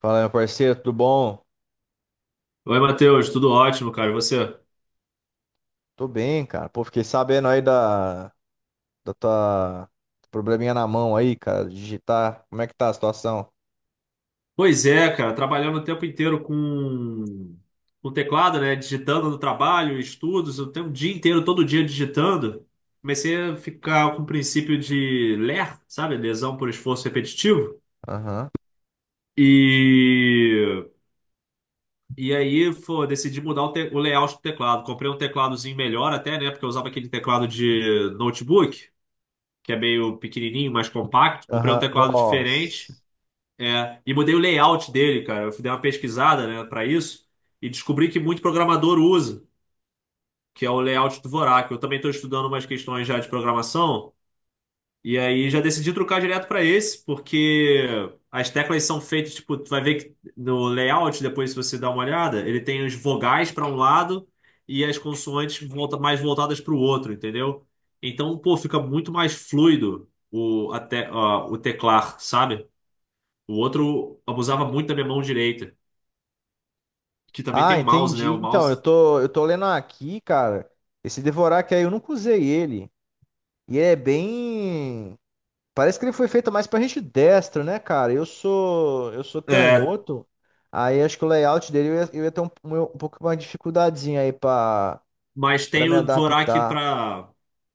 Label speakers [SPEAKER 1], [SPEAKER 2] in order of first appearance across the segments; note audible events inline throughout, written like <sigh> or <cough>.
[SPEAKER 1] Fala, meu parceiro, tudo bom?
[SPEAKER 2] Oi, Matheus, tudo ótimo, cara. E você?
[SPEAKER 1] Tô bem, cara. Pô, fiquei sabendo aí da tua probleminha na mão aí, cara, de digitar. Como é que tá a situação?
[SPEAKER 2] Pois é, cara, trabalhando o tempo inteiro com teclado, né? Digitando no trabalho, estudos, eu tenho o dia inteiro, todo dia digitando. Comecei a ficar com o princípio de LER, sabe? Lesão por esforço repetitivo.
[SPEAKER 1] Aham.
[SPEAKER 2] E, e aí, pô, decidi mudar o layout do teclado. Comprei um tecladozinho melhor até, né? Porque eu usava aquele teclado de notebook, que é meio pequenininho, mais compacto. Comprei um
[SPEAKER 1] Aham.
[SPEAKER 2] teclado
[SPEAKER 1] Nossa.
[SPEAKER 2] diferente. É, e mudei o layout dele, cara. Eu fui dar uma pesquisada, né, para isso, e descobri que muito programador usa, que é o layout do Dvorak. Eu também estou estudando umas questões já de programação, e aí já decidi trocar direto para esse, porque as teclas são feitas, tipo, tu vai ver que, no layout, depois se você dá uma olhada, ele tem os vogais para um lado e as consoantes volta, mais voltadas para o outro, entendeu? Então, pô, fica muito mais fluido o, até, o teclar, sabe? O outro abusava muito da minha mão direita, que também tem
[SPEAKER 1] Ah,
[SPEAKER 2] o mouse, né?
[SPEAKER 1] entendi.
[SPEAKER 2] O
[SPEAKER 1] Então, eu
[SPEAKER 2] mouse.
[SPEAKER 1] tô, eu tô lendo aqui, cara. Esse Devorak aí, eu nunca usei ele. E é bem. Parece que ele foi feito mais pra gente destro, né, cara? Eu sou
[SPEAKER 2] É,
[SPEAKER 1] canhoto. Aí acho que o layout dele eu ia ter um pouco mais de dificuldadezinha aí
[SPEAKER 2] mas
[SPEAKER 1] pra
[SPEAKER 2] tem
[SPEAKER 1] me
[SPEAKER 2] o Dvorak
[SPEAKER 1] adaptar.
[SPEAKER 2] pra.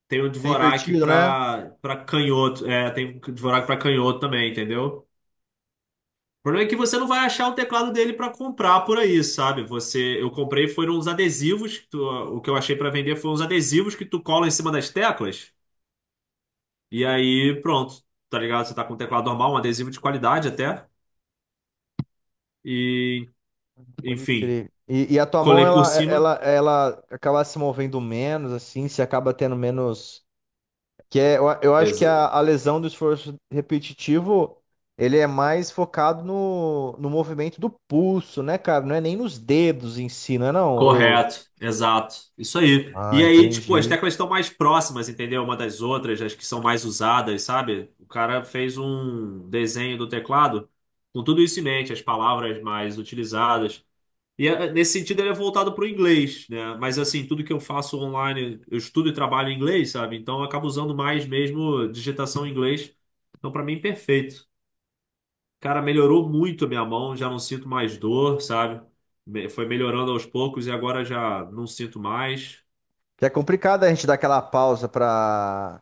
[SPEAKER 2] Tem o
[SPEAKER 1] É
[SPEAKER 2] Dvorak
[SPEAKER 1] divertido, né?
[SPEAKER 2] pra canhoto. É, tem o Dvorak pra canhoto também, entendeu? O problema é que você não vai achar o teclado dele pra comprar por aí, sabe? Você, eu comprei foram uns adesivos, que o que eu achei pra vender foram uns adesivos que tu cola em cima das teclas e aí pronto, tá ligado? Você tá com um teclado normal, um adesivo de qualidade até e
[SPEAKER 1] Pode
[SPEAKER 2] enfim,
[SPEAKER 1] crer. E a tua mão,
[SPEAKER 2] colei por
[SPEAKER 1] ela,
[SPEAKER 2] cima.
[SPEAKER 1] ela, ela acaba se movendo menos, assim, se acaba tendo menos. Que é, eu acho que a,
[SPEAKER 2] Exa-
[SPEAKER 1] a lesão do esforço repetitivo, ele é mais focado no movimento do pulso, né, cara? Não é nem nos dedos em si, não é não? Ou
[SPEAKER 2] Correto, exato. Isso aí. E
[SPEAKER 1] Ah,
[SPEAKER 2] aí, tipo, as
[SPEAKER 1] entendi.
[SPEAKER 2] teclas estão mais próximas, entendeu? Uma das outras, as que são mais usadas, sabe? O cara fez um desenho do teclado com tudo isso em mente, as palavras mais utilizadas. E nesse sentido ele é voltado para o inglês, né? Mas assim, tudo que eu faço online, eu estudo e trabalho em inglês, sabe? Então eu acabo usando mais mesmo digitação em inglês. Então, para mim, perfeito. Cara, melhorou muito a minha mão, já não sinto mais dor, sabe? Foi melhorando aos poucos e agora já não sinto mais.
[SPEAKER 1] Que é complicado a gente dar aquela pausa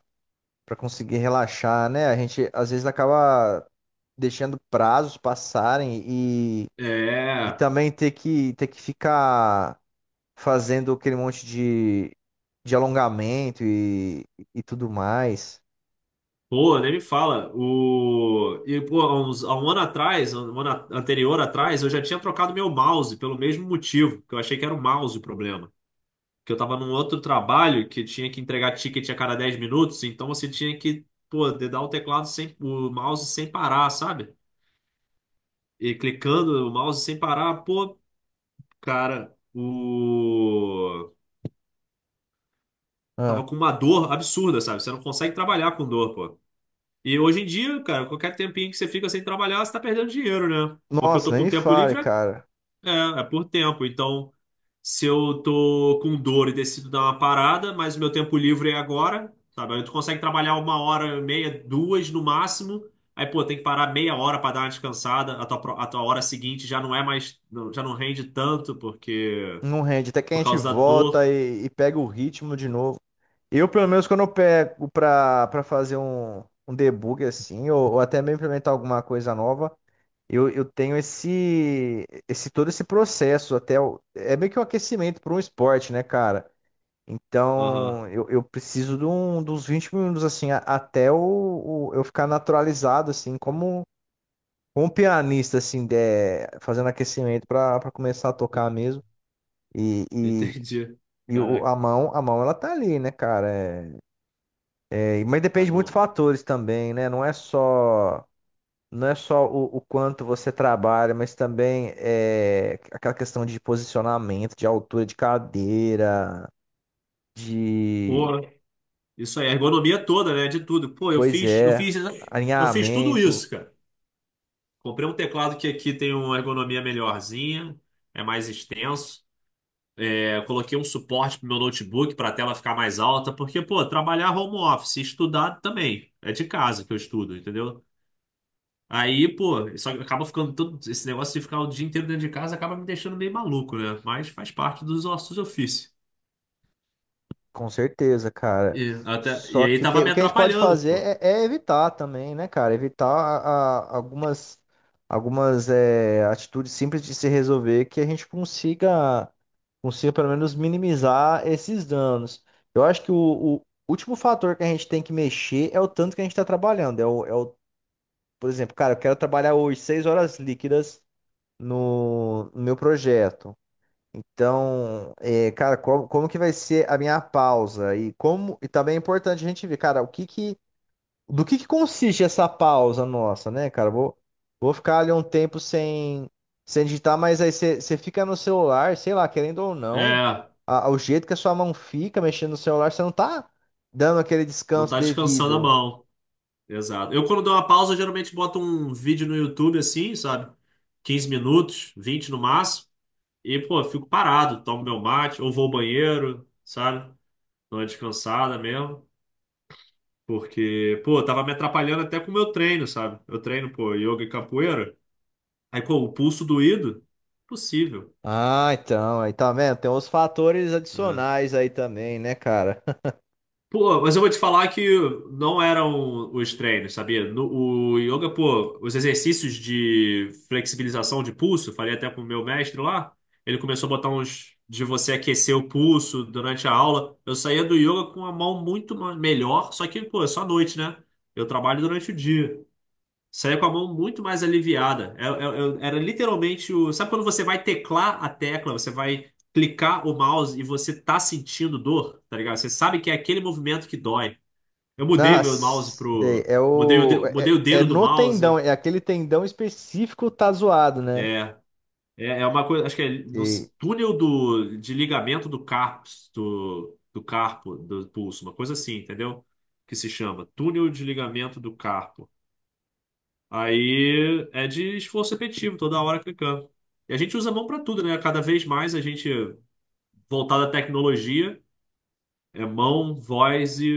[SPEAKER 1] pra conseguir relaxar, né? A gente, às vezes, acaba deixando prazos passarem. E
[SPEAKER 2] É,
[SPEAKER 1] também ter que ficar fazendo aquele monte de alongamento e tudo mais.
[SPEAKER 2] pô, nem me fala. E, pô, há 1 ano atrás, um ano anterior atrás, eu já tinha trocado meu mouse pelo mesmo motivo, que eu achei que era o mouse o problema. Que eu tava num outro trabalho que tinha que entregar ticket a cada 10 minutos, então você tinha que, pô, dedar o teclado sem, o mouse sem parar, sabe? E clicando o mouse sem parar, pô, Cara, o. tava
[SPEAKER 1] Ah.
[SPEAKER 2] com uma dor absurda, sabe? Você não consegue trabalhar com dor, pô. E hoje em dia, cara, qualquer tempinho que você fica sem trabalhar, você tá perdendo dinheiro, né? Porque eu
[SPEAKER 1] Nossa,
[SPEAKER 2] tô
[SPEAKER 1] nem
[SPEAKER 2] com
[SPEAKER 1] me
[SPEAKER 2] tempo
[SPEAKER 1] fale,
[SPEAKER 2] livre,
[SPEAKER 1] cara.
[SPEAKER 2] é, é por tempo. Então, se eu tô com dor e decido dar uma parada, mas o meu tempo livre é agora, sabe? Aí tu consegue trabalhar 1 hora, e meia, duas no máximo. Aí, pô, tem que parar meia hora pra dar uma descansada. A tua, a tua hora seguinte já não é mais. Já não rende tanto, porque.
[SPEAKER 1] Não rende. Até que a
[SPEAKER 2] Por
[SPEAKER 1] gente
[SPEAKER 2] causa da
[SPEAKER 1] volta
[SPEAKER 2] dor.
[SPEAKER 1] e pega o ritmo de novo. Eu, pelo menos, quando eu pego pra fazer um debug assim, ou até mesmo implementar alguma coisa nova, eu tenho esse todo esse processo é meio que um aquecimento para um esporte, né, cara?
[SPEAKER 2] Aham.
[SPEAKER 1] Então, eu preciso dos 20 minutos, assim, até eu ficar naturalizado, assim, como, como um pianista, assim, fazendo aquecimento para começar a tocar
[SPEAKER 2] <laughs>
[SPEAKER 1] mesmo. E, e,
[SPEAKER 2] Entendi.
[SPEAKER 1] e o,
[SPEAKER 2] Caraca,
[SPEAKER 1] a mão, ela tá ali, né, cara? Mas depende
[SPEAKER 2] tá
[SPEAKER 1] de muitos
[SPEAKER 2] bom.
[SPEAKER 1] fatores também, né? Não é só o quanto você trabalha, mas também é aquela questão de posicionamento, de altura de cadeira, de
[SPEAKER 2] Pô, isso aí, a ergonomia toda, né? De tudo. Pô, eu
[SPEAKER 1] Pois
[SPEAKER 2] fiz, eu
[SPEAKER 1] é,
[SPEAKER 2] fiz, eu fiz tudo
[SPEAKER 1] alinhamento,
[SPEAKER 2] isso, cara. Comprei um teclado que aqui tem uma ergonomia melhorzinha, é mais extenso. É, eu coloquei um suporte pro meu notebook para a tela ficar mais alta, porque, pô, trabalhar home office, estudar também. É de casa que eu estudo, entendeu? Aí, pô, isso acaba ficando, todo esse negócio de ficar o dia inteiro dentro de casa acaba me deixando meio maluco, né? Mas faz parte dos ossos do ofício.
[SPEAKER 1] com certeza, cara.
[SPEAKER 2] E
[SPEAKER 1] Só
[SPEAKER 2] aí
[SPEAKER 1] que
[SPEAKER 2] tava me
[SPEAKER 1] o que a gente pode
[SPEAKER 2] atrapalhando,
[SPEAKER 1] fazer
[SPEAKER 2] pô.
[SPEAKER 1] é evitar também, né, cara? Evitar algumas, atitudes simples de se resolver que a gente consiga pelo menos minimizar esses danos. Eu acho que o último fator que a gente tem que mexer é o tanto que a gente está trabalhando. Por exemplo, cara, eu quero trabalhar hoje 6 horas líquidas no meu projeto. Então, é, cara, como que vai ser a minha pausa? E como e também é importante a gente ver, cara, o que que do que consiste essa pausa nossa, né, cara? Vou ficar ali um tempo sem digitar, mas aí você fica no celular, sei lá, querendo ou não,
[SPEAKER 2] É,
[SPEAKER 1] o jeito que a sua mão fica mexendo no celular, você não tá dando aquele
[SPEAKER 2] não
[SPEAKER 1] descanso
[SPEAKER 2] tá descansando a
[SPEAKER 1] devido.
[SPEAKER 2] mão. Exato. Eu, quando dou uma pausa, geralmente boto um vídeo no YouTube assim, sabe? 15 minutos, 20 no máximo. E, pô, fico parado, tomo meu mate, ou vou ao banheiro, sabe? Dou uma descansada mesmo. Porque, pô, tava me atrapalhando até com o meu treino, sabe? Eu treino, pô, yoga e capoeira. Aí, pô, o pulso doído, possível.
[SPEAKER 1] Ah, então, aí tá vendo? Tem uns fatores
[SPEAKER 2] É,
[SPEAKER 1] adicionais aí também, né, cara?
[SPEAKER 2] pô, mas eu vou te falar que não eram os treinos, sabia? O yoga, pô, os exercícios de flexibilização de pulso, falei até com o meu mestre lá, ele começou a botar uns de você aquecer o pulso durante a aula. Eu saía do yoga com a mão muito melhor, só que, pô, é só à noite, né? Eu trabalho durante o dia. Saiu com a mão muito mais aliviada. Era literalmente o. sabe quando você vai teclar a tecla, você vai clicar o mouse e você tá sentindo dor, tá ligado? Você sabe que é aquele movimento que dói. Eu mudei o meu mouse
[SPEAKER 1] Nossa, sei,
[SPEAKER 2] pro.
[SPEAKER 1] é o.
[SPEAKER 2] Mudei o
[SPEAKER 1] É
[SPEAKER 2] dedo do
[SPEAKER 1] no
[SPEAKER 2] mouse.
[SPEAKER 1] tendão, é aquele tendão específico tá zoado, né?
[SPEAKER 2] É. É uma coisa. Acho que é.
[SPEAKER 1] Sei.
[SPEAKER 2] Túnel de ligamento do carpo. Do carpo, do pulso, uma coisa assim, entendeu? Que se chama túnel de ligamento do carpo. Aí é de esforço repetitivo, toda hora clicando. E a gente usa a mão para tudo, né? Cada vez mais a gente voltado à tecnologia, é mão, voz e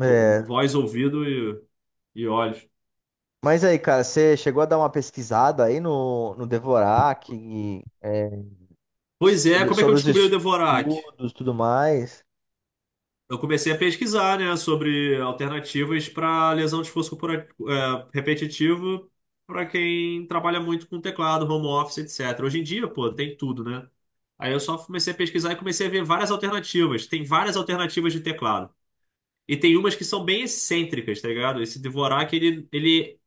[SPEAKER 1] É.
[SPEAKER 2] voz, ouvido e olhos.
[SPEAKER 1] Mas aí, cara, você chegou a dar uma pesquisada aí no Dvorak, e, é,
[SPEAKER 2] Pois é, como é que eu
[SPEAKER 1] sobre os
[SPEAKER 2] descobri o Dvorak?
[SPEAKER 1] estudos e tudo mais?
[SPEAKER 2] Eu comecei a pesquisar, né, sobre alternativas para lesão de esforço repetitivo, para quem trabalha muito com teclado, home office, etc. Hoje em dia, pô, tem tudo, né? Aí eu só comecei a pesquisar e comecei a ver várias alternativas. Tem várias alternativas de teclado. E tem umas que são bem excêntricas, tá ligado? Esse Dvorak, ele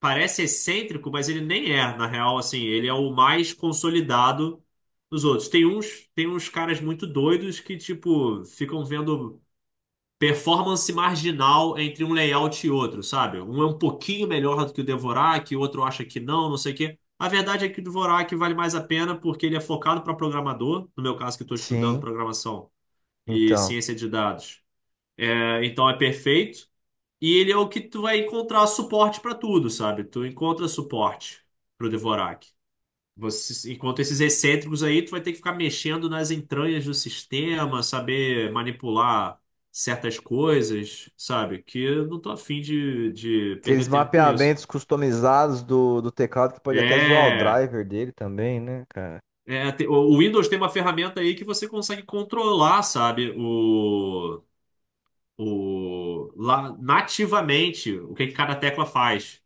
[SPEAKER 2] parece excêntrico, mas ele nem é, na real, assim. Ele é o mais consolidado dos outros. Tem uns caras muito doidos que, tipo, ficam vendo performance marginal entre um layout e outro, sabe? Um é um pouquinho melhor do que o Dvorak, o outro acha que não, não sei o quê. A verdade é que o Dvorak vale mais a pena porque ele é focado para programador, no meu caso que estou estudando
[SPEAKER 1] Sim,
[SPEAKER 2] programação e
[SPEAKER 1] então.
[SPEAKER 2] ciência de dados. É, então é perfeito, e ele é o que tu vai encontrar suporte para tudo, sabe? Tu encontra suporte para o Dvorak. Você, enquanto esses excêntricos aí, tu vai ter que ficar mexendo nas entranhas do sistema, saber manipular certas coisas, sabe? Que eu não tô afim de
[SPEAKER 1] Aqueles
[SPEAKER 2] perder tempo com isso.
[SPEAKER 1] mapeamentos customizados do teclado que pode até zoar o
[SPEAKER 2] É,
[SPEAKER 1] driver dele também, né, cara?
[SPEAKER 2] o Windows tem uma ferramenta aí que você consegue controlar, sabe? Lá, nativamente, o que que cada tecla faz.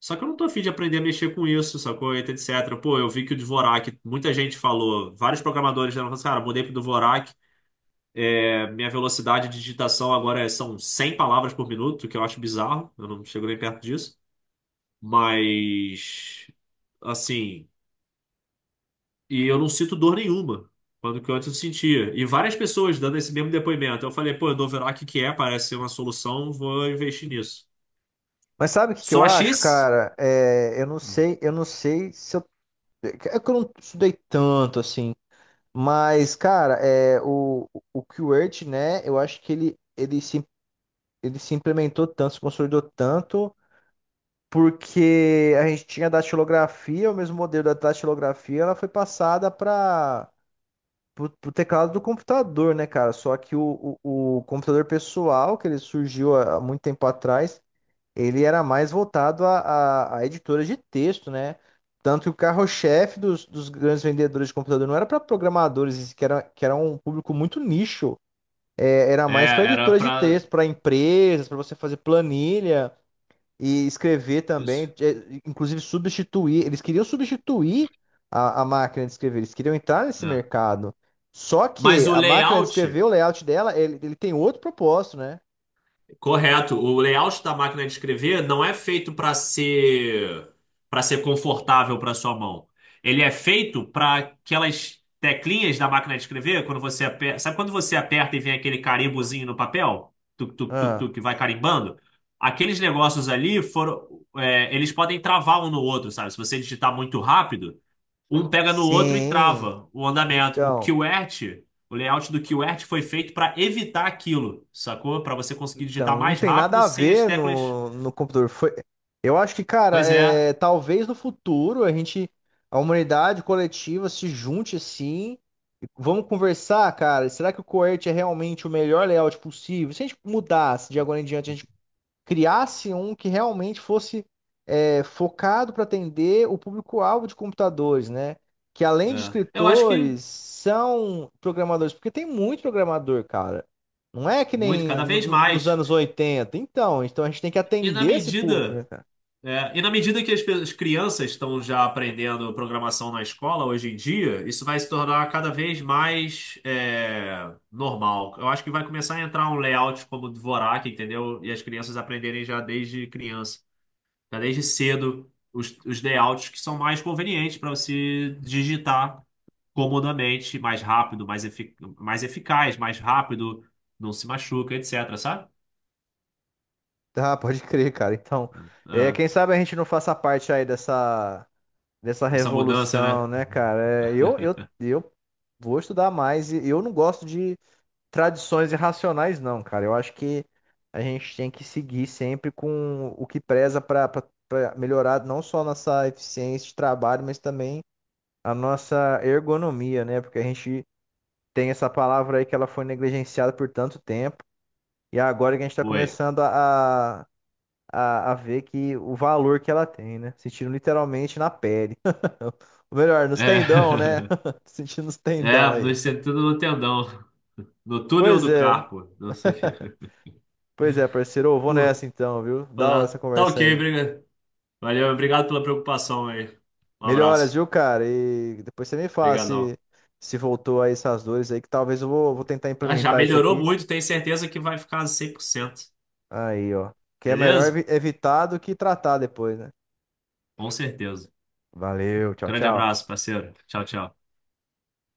[SPEAKER 2] Só que eu não tô afim de aprender a mexer com isso, sacou? Etc. Pô, eu vi que o Dvorak, muita gente falou, vários programadores já falaram, assim, cara, mudei pro Dvorak. É, minha velocidade de digitação agora são 100 palavras por minuto, que eu acho bizarro. Eu não chego nem perto disso. Mas, assim, e eu não sinto dor nenhuma, quando que antes eu sentia. E várias pessoas dando esse mesmo depoimento. Eu falei, pô, eu dou Doverac que é, parece ser uma solução, vou investir nisso.
[SPEAKER 1] Mas sabe o que que
[SPEAKER 2] Só
[SPEAKER 1] eu
[SPEAKER 2] a
[SPEAKER 1] acho,
[SPEAKER 2] X?
[SPEAKER 1] cara? É, eu não sei se eu. É que eu não estudei tanto assim. Mas, cara, é, o QWERTY, né? Eu acho que ele se implementou tanto, se consolidou tanto, porque a gente tinha a datilografia, o mesmo modelo da datilografia, ela foi passada para o teclado do computador, né, cara? Só que o computador pessoal, que ele surgiu há há muito tempo atrás, ele era mais voltado a editoras de texto, né? Tanto que o carro-chefe dos grandes vendedores de computador não era para programadores, que era um público muito nicho. É, era
[SPEAKER 2] É,
[SPEAKER 1] mais para
[SPEAKER 2] era
[SPEAKER 1] editoras de
[SPEAKER 2] pra.
[SPEAKER 1] texto, para empresas, para você fazer planilha e escrever
[SPEAKER 2] Isso.
[SPEAKER 1] também, é, inclusive substituir. Eles queriam substituir a máquina de escrever, eles queriam entrar nesse
[SPEAKER 2] Né?
[SPEAKER 1] mercado. Só
[SPEAKER 2] Mas
[SPEAKER 1] que
[SPEAKER 2] o
[SPEAKER 1] a máquina de escrever,
[SPEAKER 2] layout.
[SPEAKER 1] o layout dela, ele tem outro propósito, né?
[SPEAKER 2] Correto. O layout da máquina de escrever não é feito para ser confortável para sua mão. Ele é feito para aquelas teclinhas da máquina de escrever, quando você aperta, sabe quando você aperta e vem aquele carimbozinho no papel? Tuc, tuc, tuc,
[SPEAKER 1] Ah,
[SPEAKER 2] tuc, que vai carimbando? Aqueles negócios ali foram, eles podem travar um no outro, sabe? Se você digitar muito rápido, um pega no outro e
[SPEAKER 1] sim,
[SPEAKER 2] trava o andamento. O
[SPEAKER 1] então.
[SPEAKER 2] QWERTY, o layout do QWERTY foi feito para evitar aquilo, sacou? Para você conseguir
[SPEAKER 1] Então,
[SPEAKER 2] digitar
[SPEAKER 1] não
[SPEAKER 2] mais
[SPEAKER 1] tem nada
[SPEAKER 2] rápido
[SPEAKER 1] a
[SPEAKER 2] sem as
[SPEAKER 1] ver
[SPEAKER 2] teclas.
[SPEAKER 1] no computador. Foi, eu acho que, cara,
[SPEAKER 2] Pois é,
[SPEAKER 1] é, talvez no futuro a humanidade coletiva se junte assim. E Vamos conversar, cara. Será que o coert é realmente o melhor layout possível? Se a gente mudasse de agora em diante, a gente criasse um que realmente fosse é, focado para atender o público-alvo de computadores, né? Que além de
[SPEAKER 2] é. Eu acho que
[SPEAKER 1] escritores, são programadores, porque tem muito programador, cara. Não é que
[SPEAKER 2] muito, cada
[SPEAKER 1] nem
[SPEAKER 2] vez
[SPEAKER 1] nos
[SPEAKER 2] mais.
[SPEAKER 1] anos 80. Então, então a gente tem que
[SPEAKER 2] E na
[SPEAKER 1] atender esse público, né,
[SPEAKER 2] medida,
[SPEAKER 1] cara?
[SPEAKER 2] e na medida que as crianças estão já aprendendo programação na escola hoje em dia, isso vai se tornar cada vez mais normal. Eu acho que vai começar a entrar um layout como o Dvorak, entendeu? E as crianças aprenderem já desde criança. Já desde cedo, os layouts que são mais convenientes para você digitar comodamente, mais rápido, mais eficaz, mais rápido, não se machuca, etc. Sabe?
[SPEAKER 1] Tá, pode crer, cara. Então, é,
[SPEAKER 2] É,
[SPEAKER 1] quem sabe a gente não faça parte aí dessa
[SPEAKER 2] essa mudança,
[SPEAKER 1] revolução,
[SPEAKER 2] né?
[SPEAKER 1] né, cara? É,
[SPEAKER 2] <laughs>
[SPEAKER 1] eu vou estudar mais. E Eu não gosto de tradições irracionais, não, cara. Eu acho que a gente tem que seguir sempre com o que preza para melhorar não só a nossa eficiência de trabalho, mas também a nossa ergonomia, né? Porque a gente tem essa palavra aí que ela foi negligenciada por tanto tempo e é agora que a gente está
[SPEAKER 2] Foi.
[SPEAKER 1] começando a ver que o valor que ela tem, né? Sentindo literalmente na pele. <laughs> Ou melhor, nos tendão, né?
[SPEAKER 2] É,
[SPEAKER 1] <laughs> Sentindo nos
[SPEAKER 2] <laughs>
[SPEAKER 1] tendão
[SPEAKER 2] é no
[SPEAKER 1] aí.
[SPEAKER 2] sentido do tendão, no túnel
[SPEAKER 1] Pois
[SPEAKER 2] do
[SPEAKER 1] é.
[SPEAKER 2] carpo, não sei o quê.
[SPEAKER 1] Pois é, parceiro, eu vou nessa
[SPEAKER 2] Pô,
[SPEAKER 1] então, viu? Da hora essa
[SPEAKER 2] tá
[SPEAKER 1] conversa
[SPEAKER 2] ok,
[SPEAKER 1] aí.
[SPEAKER 2] obrigado. Valeu, obrigado pela preocupação aí. Um
[SPEAKER 1] Melhoras,
[SPEAKER 2] abraço.
[SPEAKER 1] viu, cara? E depois você me fala
[SPEAKER 2] Obrigadão.
[SPEAKER 1] se, se voltou aí essas dores aí, que talvez vou tentar
[SPEAKER 2] Ah, já
[SPEAKER 1] implementar isso
[SPEAKER 2] melhorou
[SPEAKER 1] aqui.
[SPEAKER 2] muito, tenho certeza que vai ficar 100%.
[SPEAKER 1] Aí, ó. Que é melhor
[SPEAKER 2] Beleza?
[SPEAKER 1] evitar do que tratar depois, né?
[SPEAKER 2] Com certeza.
[SPEAKER 1] Valeu, tchau,
[SPEAKER 2] Grande
[SPEAKER 1] tchau.
[SPEAKER 2] abraço, parceiro. Tchau, tchau.